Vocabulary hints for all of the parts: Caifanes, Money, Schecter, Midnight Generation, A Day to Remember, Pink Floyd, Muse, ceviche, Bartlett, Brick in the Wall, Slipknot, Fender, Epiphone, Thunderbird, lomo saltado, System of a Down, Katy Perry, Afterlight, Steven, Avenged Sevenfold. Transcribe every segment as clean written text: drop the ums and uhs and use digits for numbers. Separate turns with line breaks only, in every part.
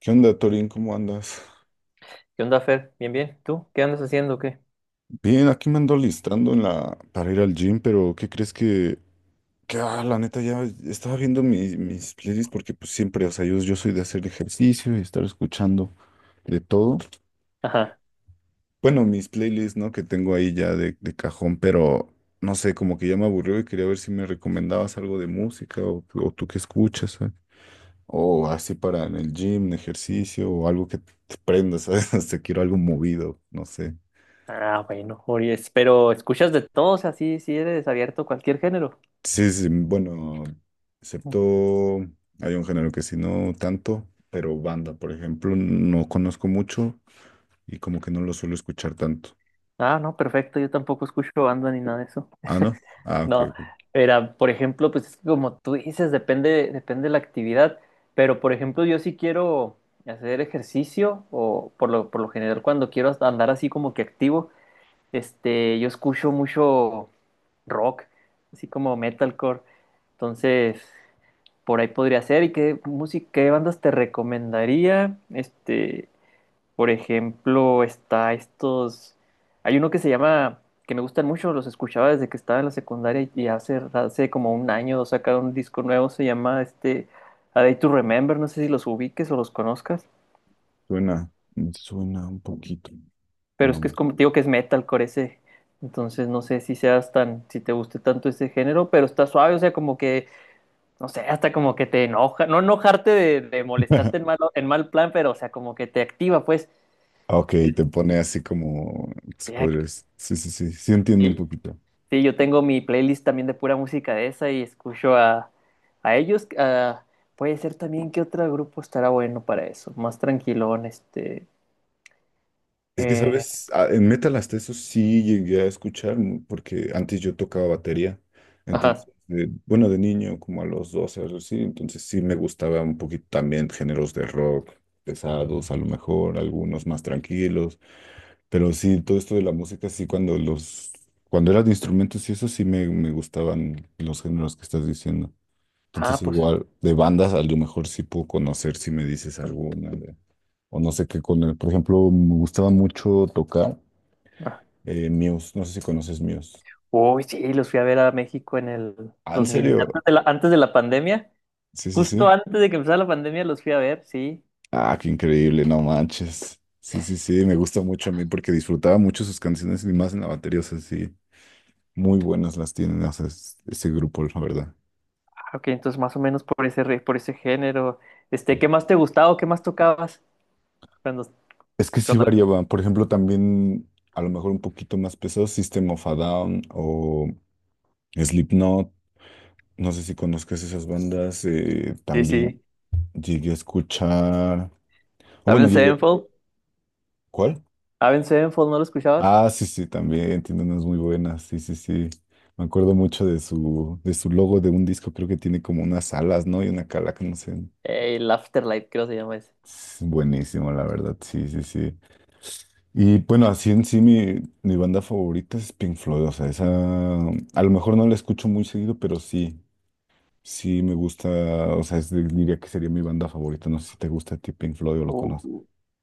¿Qué onda, Torín? ¿Cómo andas?
¿Qué onda, Fer? Bien, bien. ¿Tú? ¿Qué andas haciendo o qué?
Bien, aquí me ando alistando para ir al gym, pero ¿qué crees que la neta ya estaba viendo mis playlists porque pues siempre, o sea, yo soy de hacer ejercicio y estar escuchando de todo.
Ajá.
Bueno, mis playlists, ¿no? Que tengo ahí ya de cajón, pero no sé, como que ya me aburrió y quería ver si me recomendabas algo de música o tú qué escuchas, ¿sabes? O así para en el gym, en ejercicio o algo que te prenda, ¿sabes? Te quiero algo movido, no sé.
Ah, bueno, Ories. Pero escuchas de todo, o sea, sí, eres abierto a cualquier género.
Sí, sí, bueno,
Mm.
excepto hay un género que sí, no tanto, pero banda, por ejemplo, no conozco mucho y como que no lo suelo escuchar tanto.
Ah, no, perfecto. Yo tampoco escucho banda ni nada de eso.
Ah, ¿no? Ah, ok,
No,
ok.
era, por ejemplo, pues es que como tú dices, depende de la actividad. Pero, por ejemplo, yo sí quiero hacer ejercicio o por lo general cuando quiero hasta andar así como que activo, yo escucho mucho rock, así como metalcore. Entonces por ahí podría ser. ¿Y qué música, qué bandas te recomendaría? Este, por ejemplo, está estos. Hay uno que se llama, que me gustan mucho, los escuchaba desde que estaba en la secundaria y hace como un año sacaron un disco nuevo, se llama este A Day to Remember, no sé si los ubiques o los conozcas,
Suena, suena un poquito.
pero es que
No.
es como, digo que es metalcore ese. Entonces no sé si seas tan, si te guste tanto ese género, pero está suave, o sea, como que no sé, hasta como que te enoja, no enojarte de molestarte en mal plan, pero o sea, como que te activa, pues.
Ok,
Eh,
te pone así como, si
ya-
podrías, sí, sí, sí, sí entiendo un
Sí,
poquito.
sí, yo tengo mi playlist también de pura música de esa y escucho a ellos. A- puede ser también que otro grupo estará bueno para eso, más tranquilón, este.
Es que,
Eh,
¿sabes? Ah, en metal hasta eso sí llegué a escuchar, porque antes yo tocaba batería.
ajá.
Entonces, bueno, de niño, como a los 12, algo así. Entonces sí me gustaba un poquito también géneros de rock pesados, a lo mejor, algunos más tranquilos. Pero sí, todo esto de la música, sí, cuando eran instrumentos y eso sí me gustaban los géneros que estás diciendo. Entonces,
Ah, pues.
igual, de bandas, a lo mejor sí puedo conocer si me dices alguna o no sé qué con él. Por ejemplo, me gustaba mucho tocar
Ah.
Muse, no sé si conoces Muse.
Uy, sí, los fui a ver a México en el
Ah, ¿en
2000
serio?
antes de la pandemia.
Sí, sí,
Justo
sí.
antes de que empezara la pandemia los fui a ver, sí.
Ah, qué increíble, no manches. Sí, sí, sí, me gusta mucho a mí porque disfrutaba mucho sus canciones y más en la batería, o sea, sí, muy buenas las tienen, o sea, ese grupo, la verdad.
Ah, ok, entonces más o menos por ese, re- por ese género. Este, ¿qué más te gustaba o qué más tocabas? Cuando,
Es que sí
cuando-
variaba, por ejemplo, también a lo mejor un poquito más pesado, System of a Down o Slipknot, no sé si conozcas esas bandas,
Sí,
también
sí.
llegué a escuchar, o bueno,
Avenged
llegué,
Sevenfold.
¿cuál?
Avenged Sevenfold, ¿no lo escuchabas?
Ah, sí, sí, también tiene unas muy buenas. Sí, sí, sí. Me acuerdo mucho de su logo de un disco, creo que tiene como unas alas, ¿no? Y una calaca, no sé.
El Afterlight, creo que se llama ese.
Es buenísimo, la verdad. Sí, sí, sí. Y bueno, así en sí mi banda favorita es Pink Floyd. O sea, esa a lo mejor no la escucho muy seguido, pero sí, sí me gusta. O sea, diría que sería mi banda favorita. No sé si te gusta a ti Pink Floyd o lo conoces.
Uh,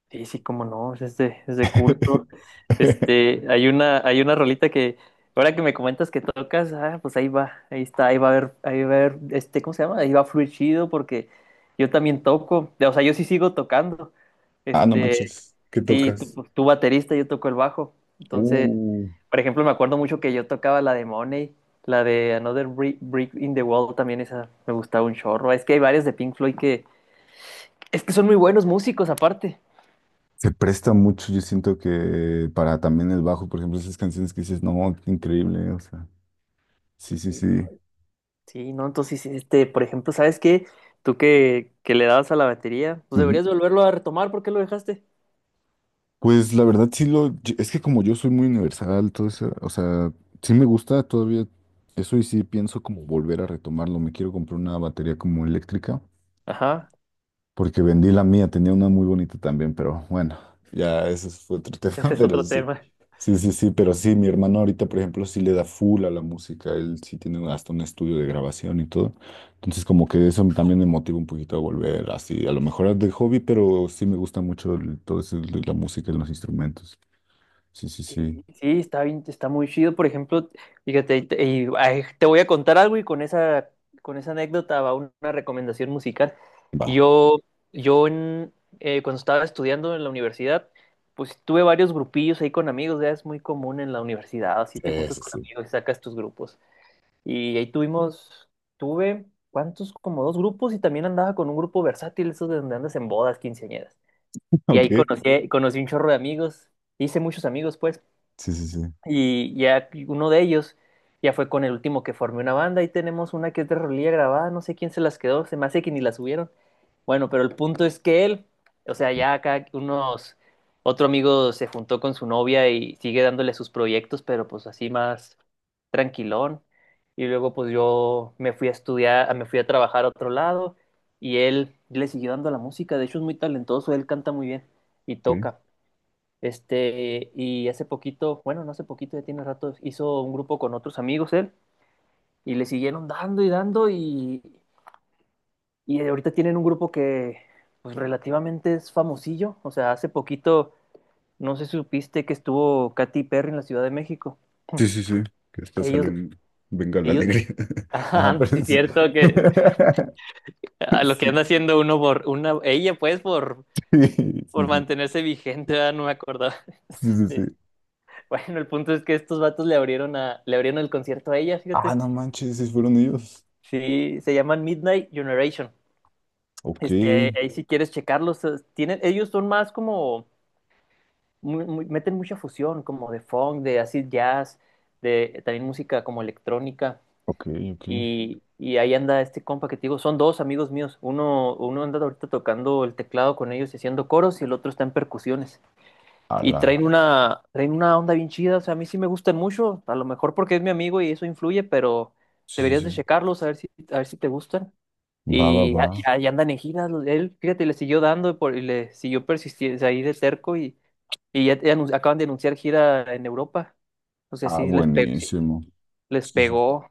sí, sí, cómo no, es de culto. Este, hay una rolita que, ahora que me comentas que tocas, ah, pues ahí va, ahí está, ahí va a haber, este, ¿cómo se llama? Ahí va a fluir chido porque yo también toco, o sea, yo sí sigo tocando.
Ah, no
Este,
manches. ¿Qué
sí, tú,
tocas?
pues, tú baterista, yo toco el bajo. Entonces,
Uh.
por ejemplo, me acuerdo mucho que yo tocaba la de Money, la de Another Bri- Brick in the Wall, también esa me gustaba un chorro. Es que hay varias de Pink Floyd que, es que son muy buenos músicos aparte.
Se presta mucho, yo siento que para también el bajo, por ejemplo, esas canciones que dices, no, qué increíble, o sea, sí,
Sí,
sí,
no,
sí.
sí, no, entonces, sí, este, por ejemplo, ¿sabes qué? Tú que le dabas a la batería, pues
Ujú.
deberías volverlo a retomar. ¿Por qué lo dejaste?
Pues la verdad es que como yo soy muy universal, todo eso, o sea, sí me gusta todavía eso y sí pienso como volver a retomarlo, me quiero comprar una batería como eléctrica
Ajá,
porque vendí la mía, tenía una muy bonita también, pero bueno, ya ese fue otro
ese
tema,
es
pero
otro
sí.
tema.
Sí, sí, sí, pero sí, mi hermano ahorita, por ejemplo, sí le da full a la música, él sí tiene hasta un estudio de grabación y todo. Entonces, como que eso también me motiva un poquito a volver así, a lo mejor de hobby, pero sí me gusta mucho todo eso de la música y los instrumentos. Sí, sí, sí.
Sí, sí, está bien, está muy chido, por ejemplo, fíjate, y te, y, ay, te voy a contar algo y con esa anécdota va una recomendación musical.
Va,
Yo, yo en, Cuando estaba estudiando en la universidad, pues tuve varios grupillos ahí con amigos, ya es muy común en la universidad, así te juntas
eso
con
sí.
amigos y sacas tus grupos. Y ahí tuvimos, tuve, ¿cuántos? Como dos grupos y también andaba con un grupo versátil, esos de donde andas en bodas, quinceañeras. Y ahí
Ok.
conocí un chorro de amigos, hice muchos amigos, pues.
Sí, sí, sí.
Y ya uno de ellos ya fue con el último que formé una banda. Ahí tenemos una que es de rolilla grabada, no sé quién se las quedó, se me hace que ni la subieron. Bueno, pero el punto es que él, o sea, ya acá unos, otro amigo se juntó con su novia y sigue dándole sus proyectos, pero pues así más tranquilón. Y luego pues yo me fui a estudiar, me fui a trabajar a otro lado y él le siguió dando a la música. De hecho es muy talentoso, él canta muy bien y
Sí,
toca. Este, y hace poquito, bueno, no hace poquito, ya tiene rato, hizo un grupo con otros amigos él y le siguieron dando y dando y ahorita tienen un grupo que pues relativamente es famosillo. O sea, hace poquito, no sé si supiste que estuvo Katy Perry en la Ciudad de México.
sí, sí. Sí, que esto sale
Ellos,
un... Venga la
ellos,
alegría. Ajá,
ajá, sí
pero
es
sí.
cierto que a lo que anda haciendo uno por una, ella pues
Sí, sí,
por
sí,
mantenerse vigente, ¿verdad? No me acordaba
sí, sí,
de-
sí.
Bueno, el punto es que estos vatos le abrieron el concierto a ella,
Ah,
fíjate.
no manches, sí fueron ellos.
Sí, se llaman Midnight Generation.
Ok,
Este, ahí si quieres checarlos, tienen, ellos son más como, meten mucha fusión, como de funk, de acid jazz, de también música como electrónica.
ok, ok.
Y ahí anda este compa que te digo, son dos amigos míos. Uno anda ahorita tocando el teclado con ellos y haciendo coros, y el otro está en percusiones. Y
Ala.
traen una onda bien chida, o sea, a mí sí me gustan mucho, a lo mejor porque es mi amigo y eso influye, pero
Sí, sí,
deberías de
sí.
checarlos, a ver si te gustan.
Va, va,
Y
va.
a- y ahí andan en giras, los- él, fíjate, le siguió dando por- y le siguió persistiendo ahí de cerco y ya, ya anun- acaban de anunciar gira en Europa. O sea,
Ah,
sí les pegó, sí,
buenísimo.
les
Sí, sí.
pegó.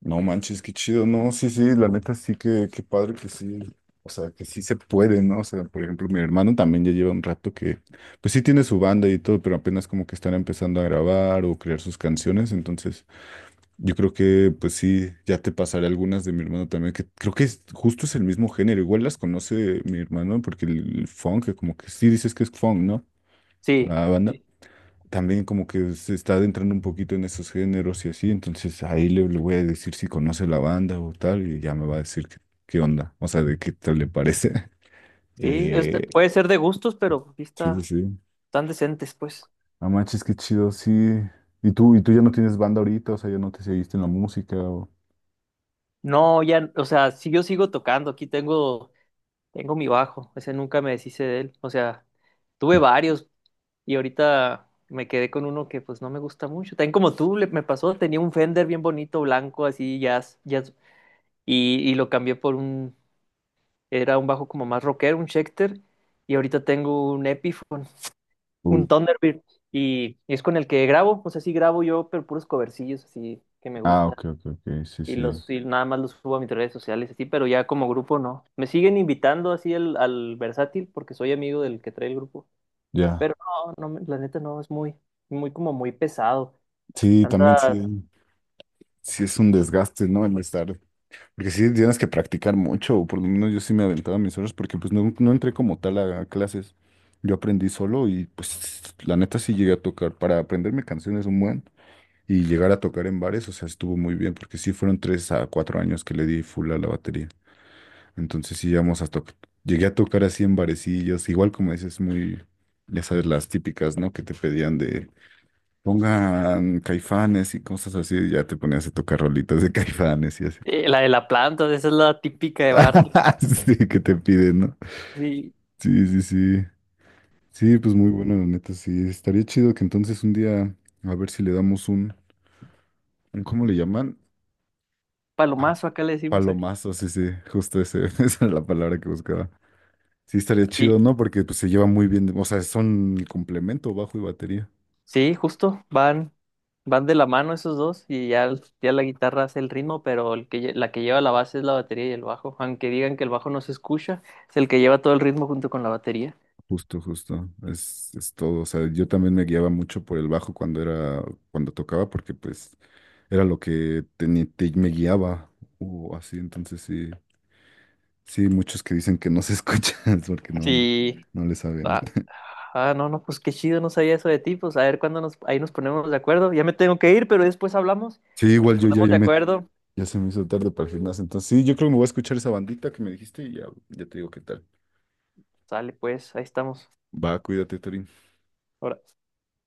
No manches, qué chido. No, sí, sí, la neta sí que, qué padre que sí. O sea, que sí se puede, ¿no? O sea, por ejemplo, mi hermano también ya lleva un rato que, pues sí tiene su banda y todo, pero apenas como que están empezando a grabar o crear sus canciones, entonces. Yo creo que, pues sí, ya te pasaré algunas de mi hermano también, que creo que justo es el mismo género. Igual las conoce mi hermano, porque el funk, que como que sí dices que es funk, ¿no?
Sí,
La banda. También como que se está adentrando un poquito en esos géneros y así. Entonces ahí le voy a decir si conoce la banda o tal, y ya me va a decir qué onda, o sea, de qué tal le parece.
sí, este,
Eh,
puede ser de gustos, pero aquí
sí, sí,
está,
sí.
están decentes, pues.
Ah, manches, qué chido, sí. ¿Y tú ya no tienes banda ahorita? O sea, ya no te seguiste en la música
No, ya, o sea, si yo sigo tocando, aquí tengo, tengo mi bajo, ese nunca me deshice de él. O sea, tuve varios, y ahorita me quedé con uno que pues no me gusta mucho. También como tú le- me pasó, tenía un Fender bien bonito, blanco, así, jazz, jazz, y lo cambié por un, era un bajo como más rockero, un Schecter, y ahorita tengo un Epiphone, un
o-
Thunderbird, y es con el que grabo, o sea, sí grabo yo, pero puros covercillos así que me
Ah,
gustan.
ok, ok, ok, sí,
Y
sí.
los, y nada más los subo a mis redes sociales así, pero ya como grupo no. Me siguen invitando así al, al versátil porque soy amigo del que trae el grupo.
Ya,
Pero no, no, la neta no, es muy, muy como muy pesado.
sí, también
Tantas,
sí, sí es un desgaste, ¿no? El estar, porque sí tienes que practicar mucho, o por lo menos yo sí me aventaba mis horas, porque pues no, no entré como tal a clases, yo aprendí solo y pues la neta sí llegué a tocar, para aprenderme canciones un buen y llegar a tocar en bares, o sea, estuvo muy bien, porque sí fueron 3 a 4 años que le di full a la batería, entonces sí llegamos a tocar, llegué a tocar así en barecillos, igual como dices, muy, ya sabes, las típicas, ¿no? Que te pedían de pongan Caifanes y cosas así, y ya te ponías a tocar rolitas de Caifanes y así.
la de la planta, esa es la típica de Bartlett.
Sí, que te piden, ¿no?
Sí,
Sí, sí, sí. Sí, pues muy bueno, la neta, sí. Estaría chido que entonces un día, a ver si le damos un ¿cómo le llaman?
palomazo acá le decimos.
Palomazo, sí, sí, justo ese, esa era la palabra que buscaba. Sí, estaría chido,
Y
¿no? Porque pues se lleva muy bien, o sea, son el complemento, bajo y batería.
sí, justo, van, van de la mano esos dos y ya, ya la guitarra hace el ritmo, pero el que, lle- la que lleva la base es la batería y el bajo. Aunque digan que el bajo no se escucha, es el que lleva todo el ritmo junto con la batería.
Justo, justo, es todo. O sea, yo también me guiaba mucho por el bajo cuando tocaba, porque pues era lo que me guiaba o así. Entonces sí, sí, muchos que dicen que no se escuchan porque no, no,
Sí,
no le saben.
ah, no, no, pues qué chido, no sabía eso de ti. Pues a ver cuándo nos, ahí nos ponemos de acuerdo. Ya me tengo que ir, pero después hablamos.
Sí, igual
Nos
yo ya,
ponemos
ya
de
me,
acuerdo.
ya se me hizo tarde para el gimnasio. Entonces sí, yo creo que me voy a escuchar esa bandita que me dijiste y ya, ya te digo qué tal.
Sale, pues, ahí estamos.
Va, cuídate, Torín.
Ahora.